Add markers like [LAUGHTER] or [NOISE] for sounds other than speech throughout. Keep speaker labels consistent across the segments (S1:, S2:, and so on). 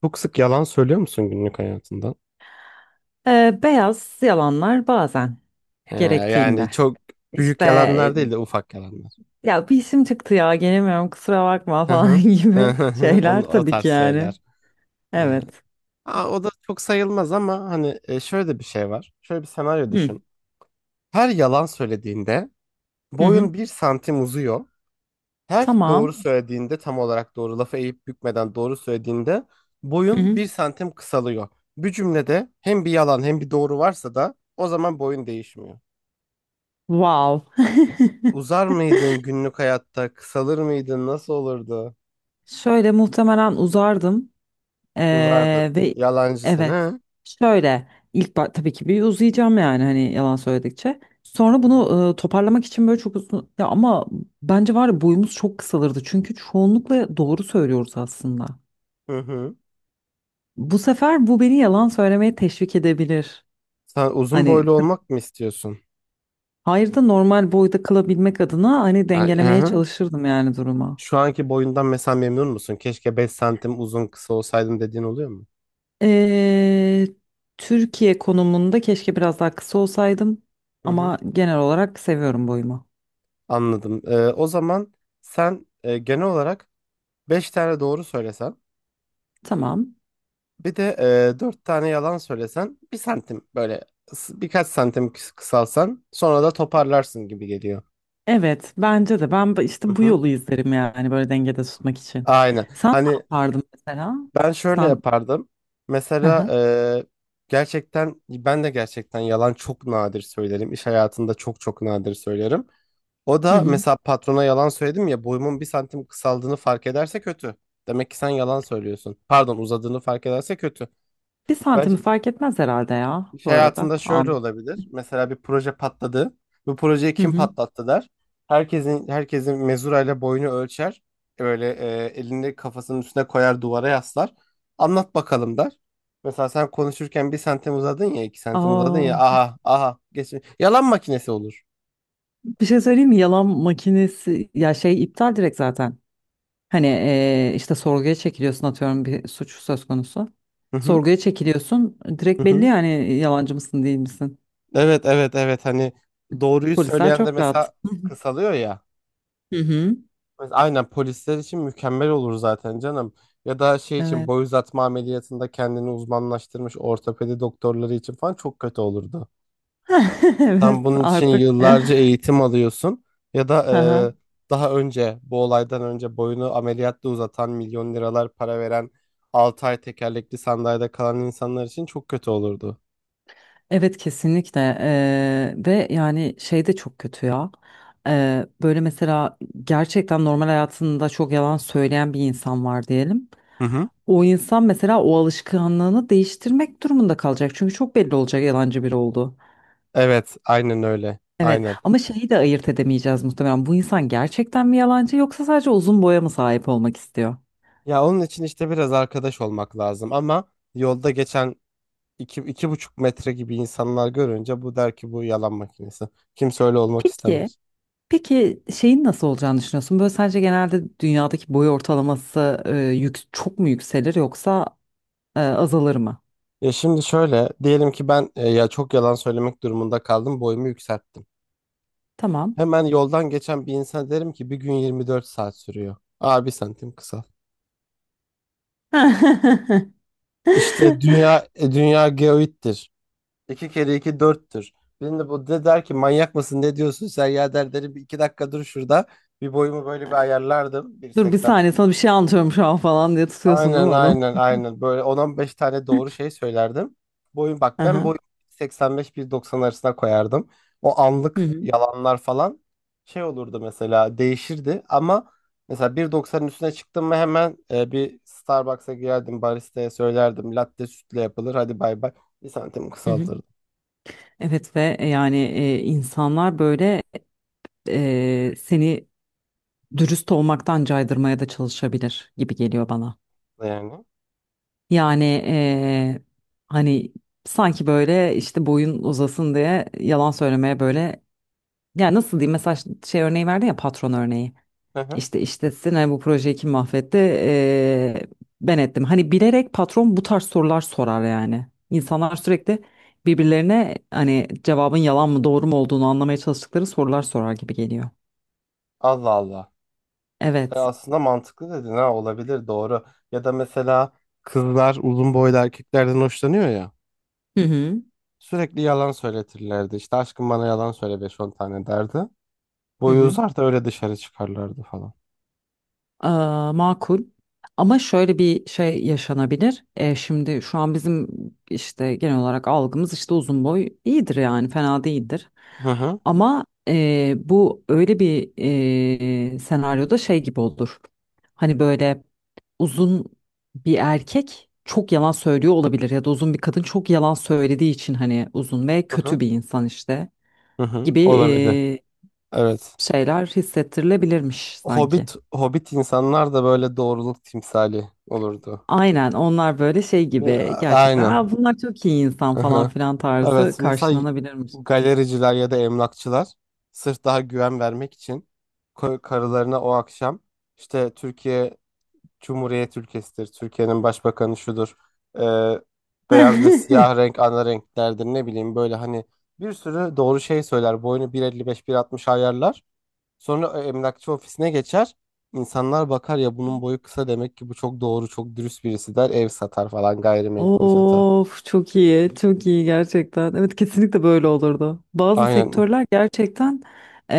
S1: Çok sık yalan söylüyor musun günlük hayatında?
S2: Beyaz yalanlar bazen gerektiğinde.
S1: Yani çok büyük
S2: İşte
S1: yalanlar değil de ufak yalanlar.
S2: ya bir işim çıktı ya gelemiyorum kusura bakma
S1: Hı
S2: falan [LAUGHS]
S1: hı. [LAUGHS]
S2: gibi
S1: Hı,
S2: şeyler
S1: onu, o
S2: tabii
S1: tarz
S2: ki yani.
S1: şeyler. Ee,
S2: Evet.
S1: O da çok sayılmaz ama hani şöyle de bir şey var. Şöyle bir senaryo
S2: Hı
S1: düşün. Her yalan söylediğinde
S2: hı. Hı.
S1: boyun 1 santim uzuyor. Her doğru
S2: Tamam.
S1: söylediğinde tam olarak doğru lafı eğip bükmeden doğru söylediğinde
S2: Hı
S1: boyun
S2: hı.
S1: 1 santim kısalıyor. Bir cümlede hem bir yalan hem bir doğru varsa da o zaman boyun değişmiyor.
S2: Wow. [LAUGHS]
S1: Uzar mıydın günlük hayatta? Kısalır mıydın? Nasıl olurdu?
S2: Şöyle muhtemelen uzardım.
S1: Uzardın.
S2: Ve
S1: Yalancı sen
S2: evet
S1: ha?
S2: şöyle ilk tabii ki bir uzayacağım yani hani yalan söyledikçe. Sonra
S1: Hı hı.
S2: bunu toparlamak için böyle çok uzun ya ama bence var ya boyumuz çok kısalırdı. Çünkü çoğunlukla doğru söylüyoruz aslında.
S1: Hı hı.
S2: Bu sefer bu beni yalan söylemeye teşvik edebilir.
S1: Sen uzun
S2: Hani
S1: boylu olmak mı istiyorsun?
S2: hayır da normal boyda kalabilmek adına hani
S1: Ay. Hı
S2: dengelemeye
S1: hı.
S2: çalışırdım yani duruma.
S1: Şu anki boyundan mesela memnun musun? Keşke 5 santim uzun kısa olsaydım dediğin oluyor mu?
S2: Ee, Türkiye konumunda keşke biraz daha kısa olsaydım
S1: Hı hı.
S2: ama genel olarak seviyorum boyumu.
S1: Anladım. O zaman sen genel olarak 5 tane doğru söylesen
S2: Tamam.
S1: bir de 4 tane yalan söylesen bir santim böyle birkaç santim kısalsan sonra da toparlarsın gibi geliyor.
S2: Evet, bence de. Ben
S1: Hı
S2: işte bu
S1: hı.
S2: yolu izlerim yani böyle dengede tutmak için.
S1: Aynen.
S2: Sen ne
S1: Hani
S2: yapardın mesela?
S1: ben şöyle
S2: Sen
S1: yapardım.
S2: hı
S1: Mesela
S2: hı.
S1: gerçekten ben de gerçekten yalan çok nadir söylerim. İş hayatında çok çok nadir söylerim. O
S2: Hı
S1: da
S2: hı.
S1: mesela patrona yalan söyledim ya boyumun 1 santim kısaldığını fark ederse kötü. Demek ki sen yalan söylüyorsun. Pardon, uzadığını fark ederse kötü.
S2: Bir
S1: Ben,
S2: santimi fark etmez herhalde ya
S1: İş
S2: bu arada.
S1: hayatında şöyle
S2: An.
S1: olabilir. Mesela bir proje patladı. Bu projeyi
S2: Hı
S1: kim
S2: hı.
S1: patlattı der. Herkesin mezurayla boyunu ölçer. Böyle elini kafasının üstüne koyar, duvara yaslar. Anlat bakalım der. Mesela sen konuşurken 1 santim uzadın ya 2 santim uzadın ya,
S2: Aa,
S1: aha aha geç. Yalan makinesi olur.
S2: bir şey söyleyeyim mi? Yalan makinesi ya şey iptal direkt zaten. Hani işte sorguya çekiliyorsun atıyorum bir suç söz konusu.
S1: Hı hı,
S2: Sorguya çekiliyorsun
S1: hı
S2: direkt belli
S1: hı.
S2: yani yalancı mısın değil misin?
S1: Evet evet evet, hani doğruyu
S2: Polisler
S1: söyleyen de
S2: çok rahat.
S1: mesela kısalıyor ya.
S2: Hı hı.
S1: Aynen, polisler için mükemmel olur zaten canım. Ya da şey için,
S2: Evet.
S1: boy uzatma ameliyatında kendini uzmanlaştırmış ortopedi doktorları için falan çok kötü olurdu.
S2: [LAUGHS]
S1: Sen
S2: Evet
S1: bunun için
S2: artık. [LAUGHS]
S1: yıllarca eğitim alıyorsun, ya da
S2: Aha.
S1: daha önce bu olaydan önce boyunu ameliyatla uzatan, milyon liralar para veren, 6 ay tekerlekli sandalyede kalan insanlar için çok kötü olurdu.
S2: Evet kesinlikle. Ve yani şey de çok kötü ya. Böyle mesela gerçekten normal hayatında çok yalan söyleyen bir insan var diyelim.
S1: Hı hı.
S2: O insan mesela o alışkanlığını değiştirmek durumunda kalacak çünkü çok belli olacak yalancı biri olduğu.
S1: Evet, aynen öyle.
S2: Evet
S1: Aynen.
S2: ama şeyi de ayırt edemeyeceğiz muhtemelen bu insan gerçekten mi yalancı yoksa sadece uzun boya mı sahip olmak istiyor?
S1: Ya onun için işte biraz arkadaş olmak lazım ama yolda geçen iki, 2,5 metre gibi insanlar görünce bu der ki bu yalan makinesi. Kimse öyle olmak
S2: Peki.
S1: istemez.
S2: Peki şeyin nasıl olacağını düşünüyorsun? Böyle sence genelde dünyadaki boy ortalaması çok mu yükselir yoksa azalır mı?
S1: Ya şimdi şöyle diyelim ki ben ya çok yalan söylemek durumunda kaldım, boyumu yükselttim.
S2: Tamam.
S1: Hemen yoldan geçen bir insan derim ki bir gün 24 saat sürüyor. Aa, 1 santim kısa.
S2: [LAUGHS]
S1: İşte dünya geoittir. İki kere iki dörttür. Birinde bu de der ki manyak mısın ne diyorsun sen ya, der derim bir iki dakika dur şurada. Bir boyumu böyle bir ayarlardım.
S2: Dur bir
S1: 1,80.
S2: saniye sana bir şey anlatıyorum şu an falan diye tutuyorsun değil
S1: Aynen
S2: mi adam?
S1: aynen aynen. Böyle 10 beş tane doğru şey söylerdim. Boyun, bak ben
S2: Aha.
S1: boyun 85-1.90 arasına koyardım. O
S2: Hı
S1: anlık
S2: hı.
S1: yalanlar falan şey olurdu mesela, değişirdi ama mesela 1,90'ın üstüne çıktım mı hemen bir Starbucks'a girerdim, baristaya söylerdim latte sütle yapılır, hadi bay bay. Bir santim
S2: Hı hı.
S1: kısaltırdım
S2: Evet ve yani insanlar böyle seni dürüst olmaktan caydırmaya da çalışabilir gibi geliyor bana.
S1: yani.
S2: Yani hani sanki böyle işte boyun uzasın diye yalan söylemeye böyle. Ya nasıl diyeyim mesela şey örneği verdin ya patron örneği.
S1: Hı hı.
S2: İşte işletsin hani bu projeyi kim mahvetti. Ben ettim. Hani bilerek patron bu tarz sorular sorar yani. İnsanlar sürekli birbirlerine hani cevabın yalan mı doğru mu olduğunu anlamaya çalıştıkları sorular sorar gibi geliyor.
S1: Allah Allah.
S2: Evet.
S1: Aslında mantıklı dedin, ha olabilir doğru. Ya da mesela kızlar uzun boylu erkeklerden hoşlanıyor ya.
S2: Hı hı.
S1: Sürekli yalan söyletirlerdi. İşte aşkım bana yalan söyle 5-10 tane derdi.
S2: Hı
S1: Boyu
S2: hı.
S1: uzar da öyle dışarı çıkarlardı falan.
S2: Ee, Makul. Ama şöyle bir şey yaşanabilir. Şimdi şu an bizim işte genel olarak algımız işte uzun boy iyidir yani fena değildir.
S1: Hı hı.
S2: Ama bu öyle bir senaryoda şey gibi olur. Hani böyle uzun bir erkek çok yalan söylüyor olabilir ya da uzun bir kadın çok yalan söylediği için hani uzun ve
S1: Hı hı.
S2: kötü bir insan işte
S1: Hı hı.
S2: gibi
S1: Olabilir. Evet.
S2: şeyler hissettirilebilirmiş sanki.
S1: Hobbit insanlar da böyle doğruluk timsali olurdu.
S2: Aynen onlar böyle şey gibi
S1: Ya,
S2: gerçekten.
S1: aynen.
S2: Aa, bunlar çok iyi insan
S1: Hı
S2: falan
S1: hı.
S2: filan tarzı
S1: Evet. Mesela
S2: karşılanabilirmiş.
S1: galericiler ya da emlakçılar sırf daha güven vermek için karılarına o akşam işte Türkiye Cumhuriyet ülkesidir, Türkiye'nin başbakanı şudur, Ee, beyaz ve siyah
S2: [LAUGHS]
S1: renk ana renklerdir, ne bileyim böyle hani bir sürü doğru şey söyler. Boyunu 1,55-1,60 ayarlar. Sonra emlakçı ofisine geçer. İnsanlar bakar ya bunun boyu kısa, demek ki bu çok doğru, çok dürüst birisi der. Ev satar falan, gayrimenkul satar.
S2: Of çok iyi çok iyi gerçekten evet kesinlikle böyle olurdu bazı
S1: Aynen.
S2: sektörler gerçekten. eee,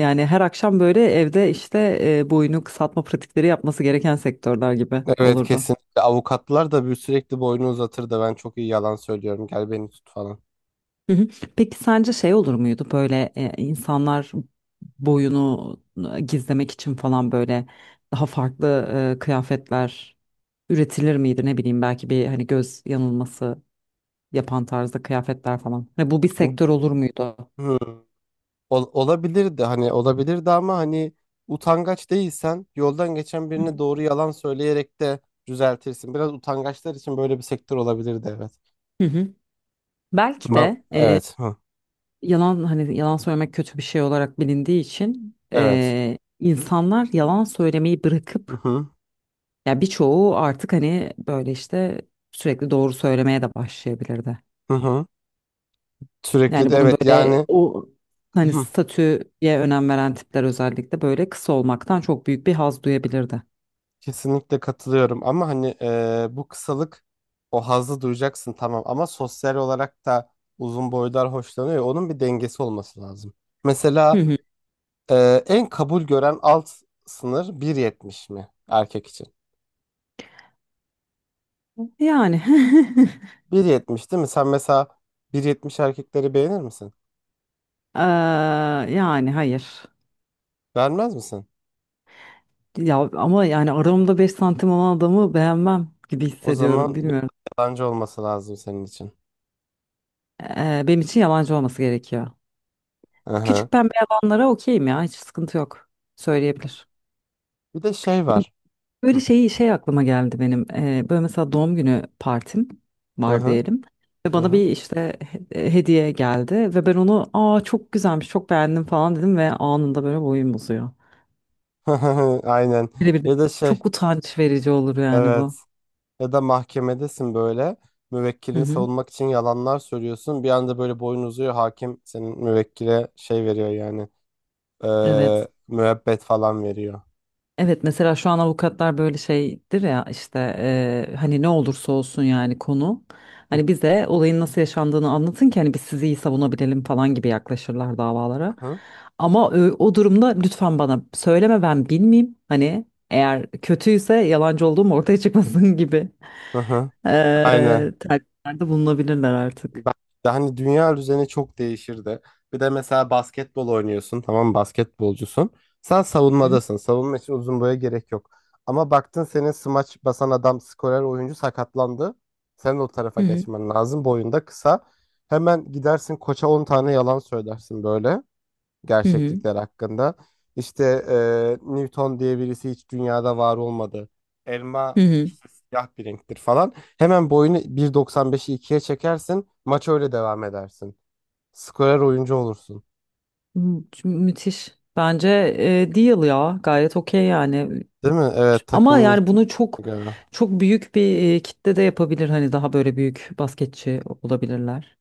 S2: Yani her akşam böyle evde işte boyunu kısaltma pratikleri yapması gereken sektörler gibi
S1: Evet
S2: olurdu.
S1: kesinlikle. Avukatlar da bir sürekli boyunu uzatır da, ben çok iyi yalan söylüyorum, gel beni tut falan.
S2: Hı hı. Peki sence şey olur muydu böyle insanlar boyunu gizlemek için falan böyle daha farklı kıyafetler üretilir miydi ne bileyim belki bir hani göz yanılması yapan tarzda kıyafetler falan. Hani bu bir sektör olur muydu?
S1: Hmm. Olabilirdi hani, olabilirdi ama hani utangaç değilsen yoldan geçen
S2: Hı hı.
S1: birine doğru yalan söyleyerek de düzeltirsin. Biraz utangaçlar için böyle bir sektör olabilirdi, evet.
S2: Hı hı. Belki
S1: Ben,
S2: de
S1: evet. Hı,
S2: yalan hani yalan söylemek kötü bir şey olarak bilindiği için
S1: evet.
S2: insanlar yalan söylemeyi
S1: Hı
S2: bırakıp
S1: hı.
S2: ya birçoğu artık hani böyle işte sürekli doğru söylemeye de başlayabilirdi.
S1: Hı hı. Sürekli
S2: Yani
S1: de
S2: bunun
S1: evet
S2: böyle
S1: yani,
S2: o
S1: hı
S2: hani
S1: hı,
S2: statüye önem veren tipler özellikle böyle kısa olmaktan çok büyük bir haz duyabilirdi.
S1: kesinlikle katılıyorum ama hani bu kısalık, o hazzı duyacaksın tamam ama sosyal olarak da uzun boylar hoşlanıyor. Ya, onun bir dengesi olması lazım.
S2: Hı
S1: Mesela,
S2: hı.
S1: En kabul gören alt sınır 1,70 mi erkek için?
S2: Yani [LAUGHS]
S1: Bir yetmiş değil mi? Sen mesela 1,70 erkekleri beğenir misin?
S2: Eee, yani hayır.
S1: Beğenmez misin?
S2: Ya ama yani aramda 5 santim olan adamı beğenmem gibi
S1: O
S2: hissediyorum
S1: zaman bir
S2: bilmiyorum.
S1: yalancı olması lazım senin için.
S2: Benim için yalancı olması gerekiyor.
S1: Aha.
S2: Küçük pembe yalanlara okeyim ya hiç sıkıntı yok. Söyleyebilir.
S1: Bir de şey var.
S2: Böyle
S1: Hı
S2: şeyi şey aklıma geldi benim. Böyle mesela doğum günü partim
S1: hı
S2: var
S1: hı.
S2: diyelim. Ve bana
S1: Hı.
S2: bir işte hediye geldi ve ben onu aa çok güzelmiş çok beğendim falan dedim ve anında böyle boyum uzuyor.
S1: [LAUGHS] Aynen.
S2: Birebir de
S1: Ya da şey,
S2: çok utanç verici olur yani
S1: evet.
S2: bu.
S1: Ya da mahkemedesin böyle.
S2: Hı
S1: Müvekkilini
S2: hı.
S1: savunmak için yalanlar söylüyorsun. Bir anda böyle boyun uzuyor. Hakim senin müvekkile şey veriyor yani.
S2: Evet.
S1: Müebbet falan veriyor.
S2: Evet mesela şu an avukatlar böyle şeydir ya işte hani ne olursa olsun yani konu hani bize olayın nasıl yaşandığını anlatın ki hani biz sizi iyi savunabilelim falan gibi yaklaşırlar davalara.
S1: [LAUGHS]
S2: Ama o durumda lütfen bana söyleme ben bilmeyeyim hani eğer kötüyse yalancı olduğum ortaya çıkmasın [LAUGHS] gibi
S1: Hı hı, aynen.
S2: eee telkinlerde bulunabilirler artık.
S1: Ben de hani, dünya düzeni çok değişirdi. Bir de mesela basketbol oynuyorsun, tamam mı? Basketbolcusun. Sen
S2: Hı
S1: savunmadasın. Savunma için uzun boya gerek yok. Ama baktın senin smaç basan adam, skorer oyuncu sakatlandı. Sen o tarafa
S2: hı hı
S1: geçmen lazım. Boyunda kısa. Hemen gidersin koça 10 tane yalan söylersin böyle,
S2: hı hı.
S1: gerçeklikler hakkında. İşte Newton diye birisi hiç dünyada var olmadı, elma
S2: Hı.
S1: işte siyah bir renktir falan. Hemen boyunu 1,95'i ikiye çekersin. Maç öyle devam edersin. Skorer oyuncu olursun.
S2: Hı, Müthiş. Bence deal ya gayet okey yani.
S1: Değil mi? Evet,
S2: Ama
S1: takımın
S2: yani
S1: ihtiyacı
S2: bunu çok
S1: göre.
S2: çok büyük bir kitle de yapabilir. Hani daha böyle büyük basketçi olabilirler.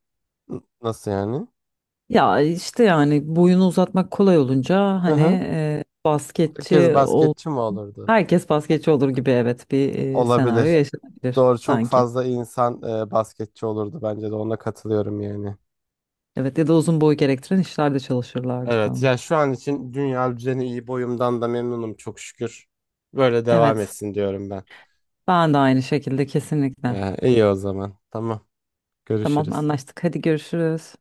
S1: Nasıl yani?
S2: Ya işte yani boyunu uzatmak kolay olunca
S1: Hı
S2: hani
S1: hı. Herkes
S2: basketçi ol
S1: basketçi mi olurdu?
S2: herkes basketçi olur gibi evet bir senaryo
S1: Olabilir.
S2: yaşanabilir
S1: Doğru, çok
S2: sanki.
S1: fazla insan basketçi olurdu bence de, ona katılıyorum yani.
S2: Evet ya da uzun boy gerektiren işlerde çalışırlardı
S1: Evet,
S2: falan.
S1: ya şu an için dünya düzeni iyi, boyumdan da memnunum çok şükür. Böyle devam
S2: Evet
S1: etsin diyorum ben.
S2: ben de aynı şekilde kesinlikle.
S1: İyi o zaman. Tamam.
S2: Tamam
S1: Görüşürüz.
S2: anlaştık hadi görüşürüz.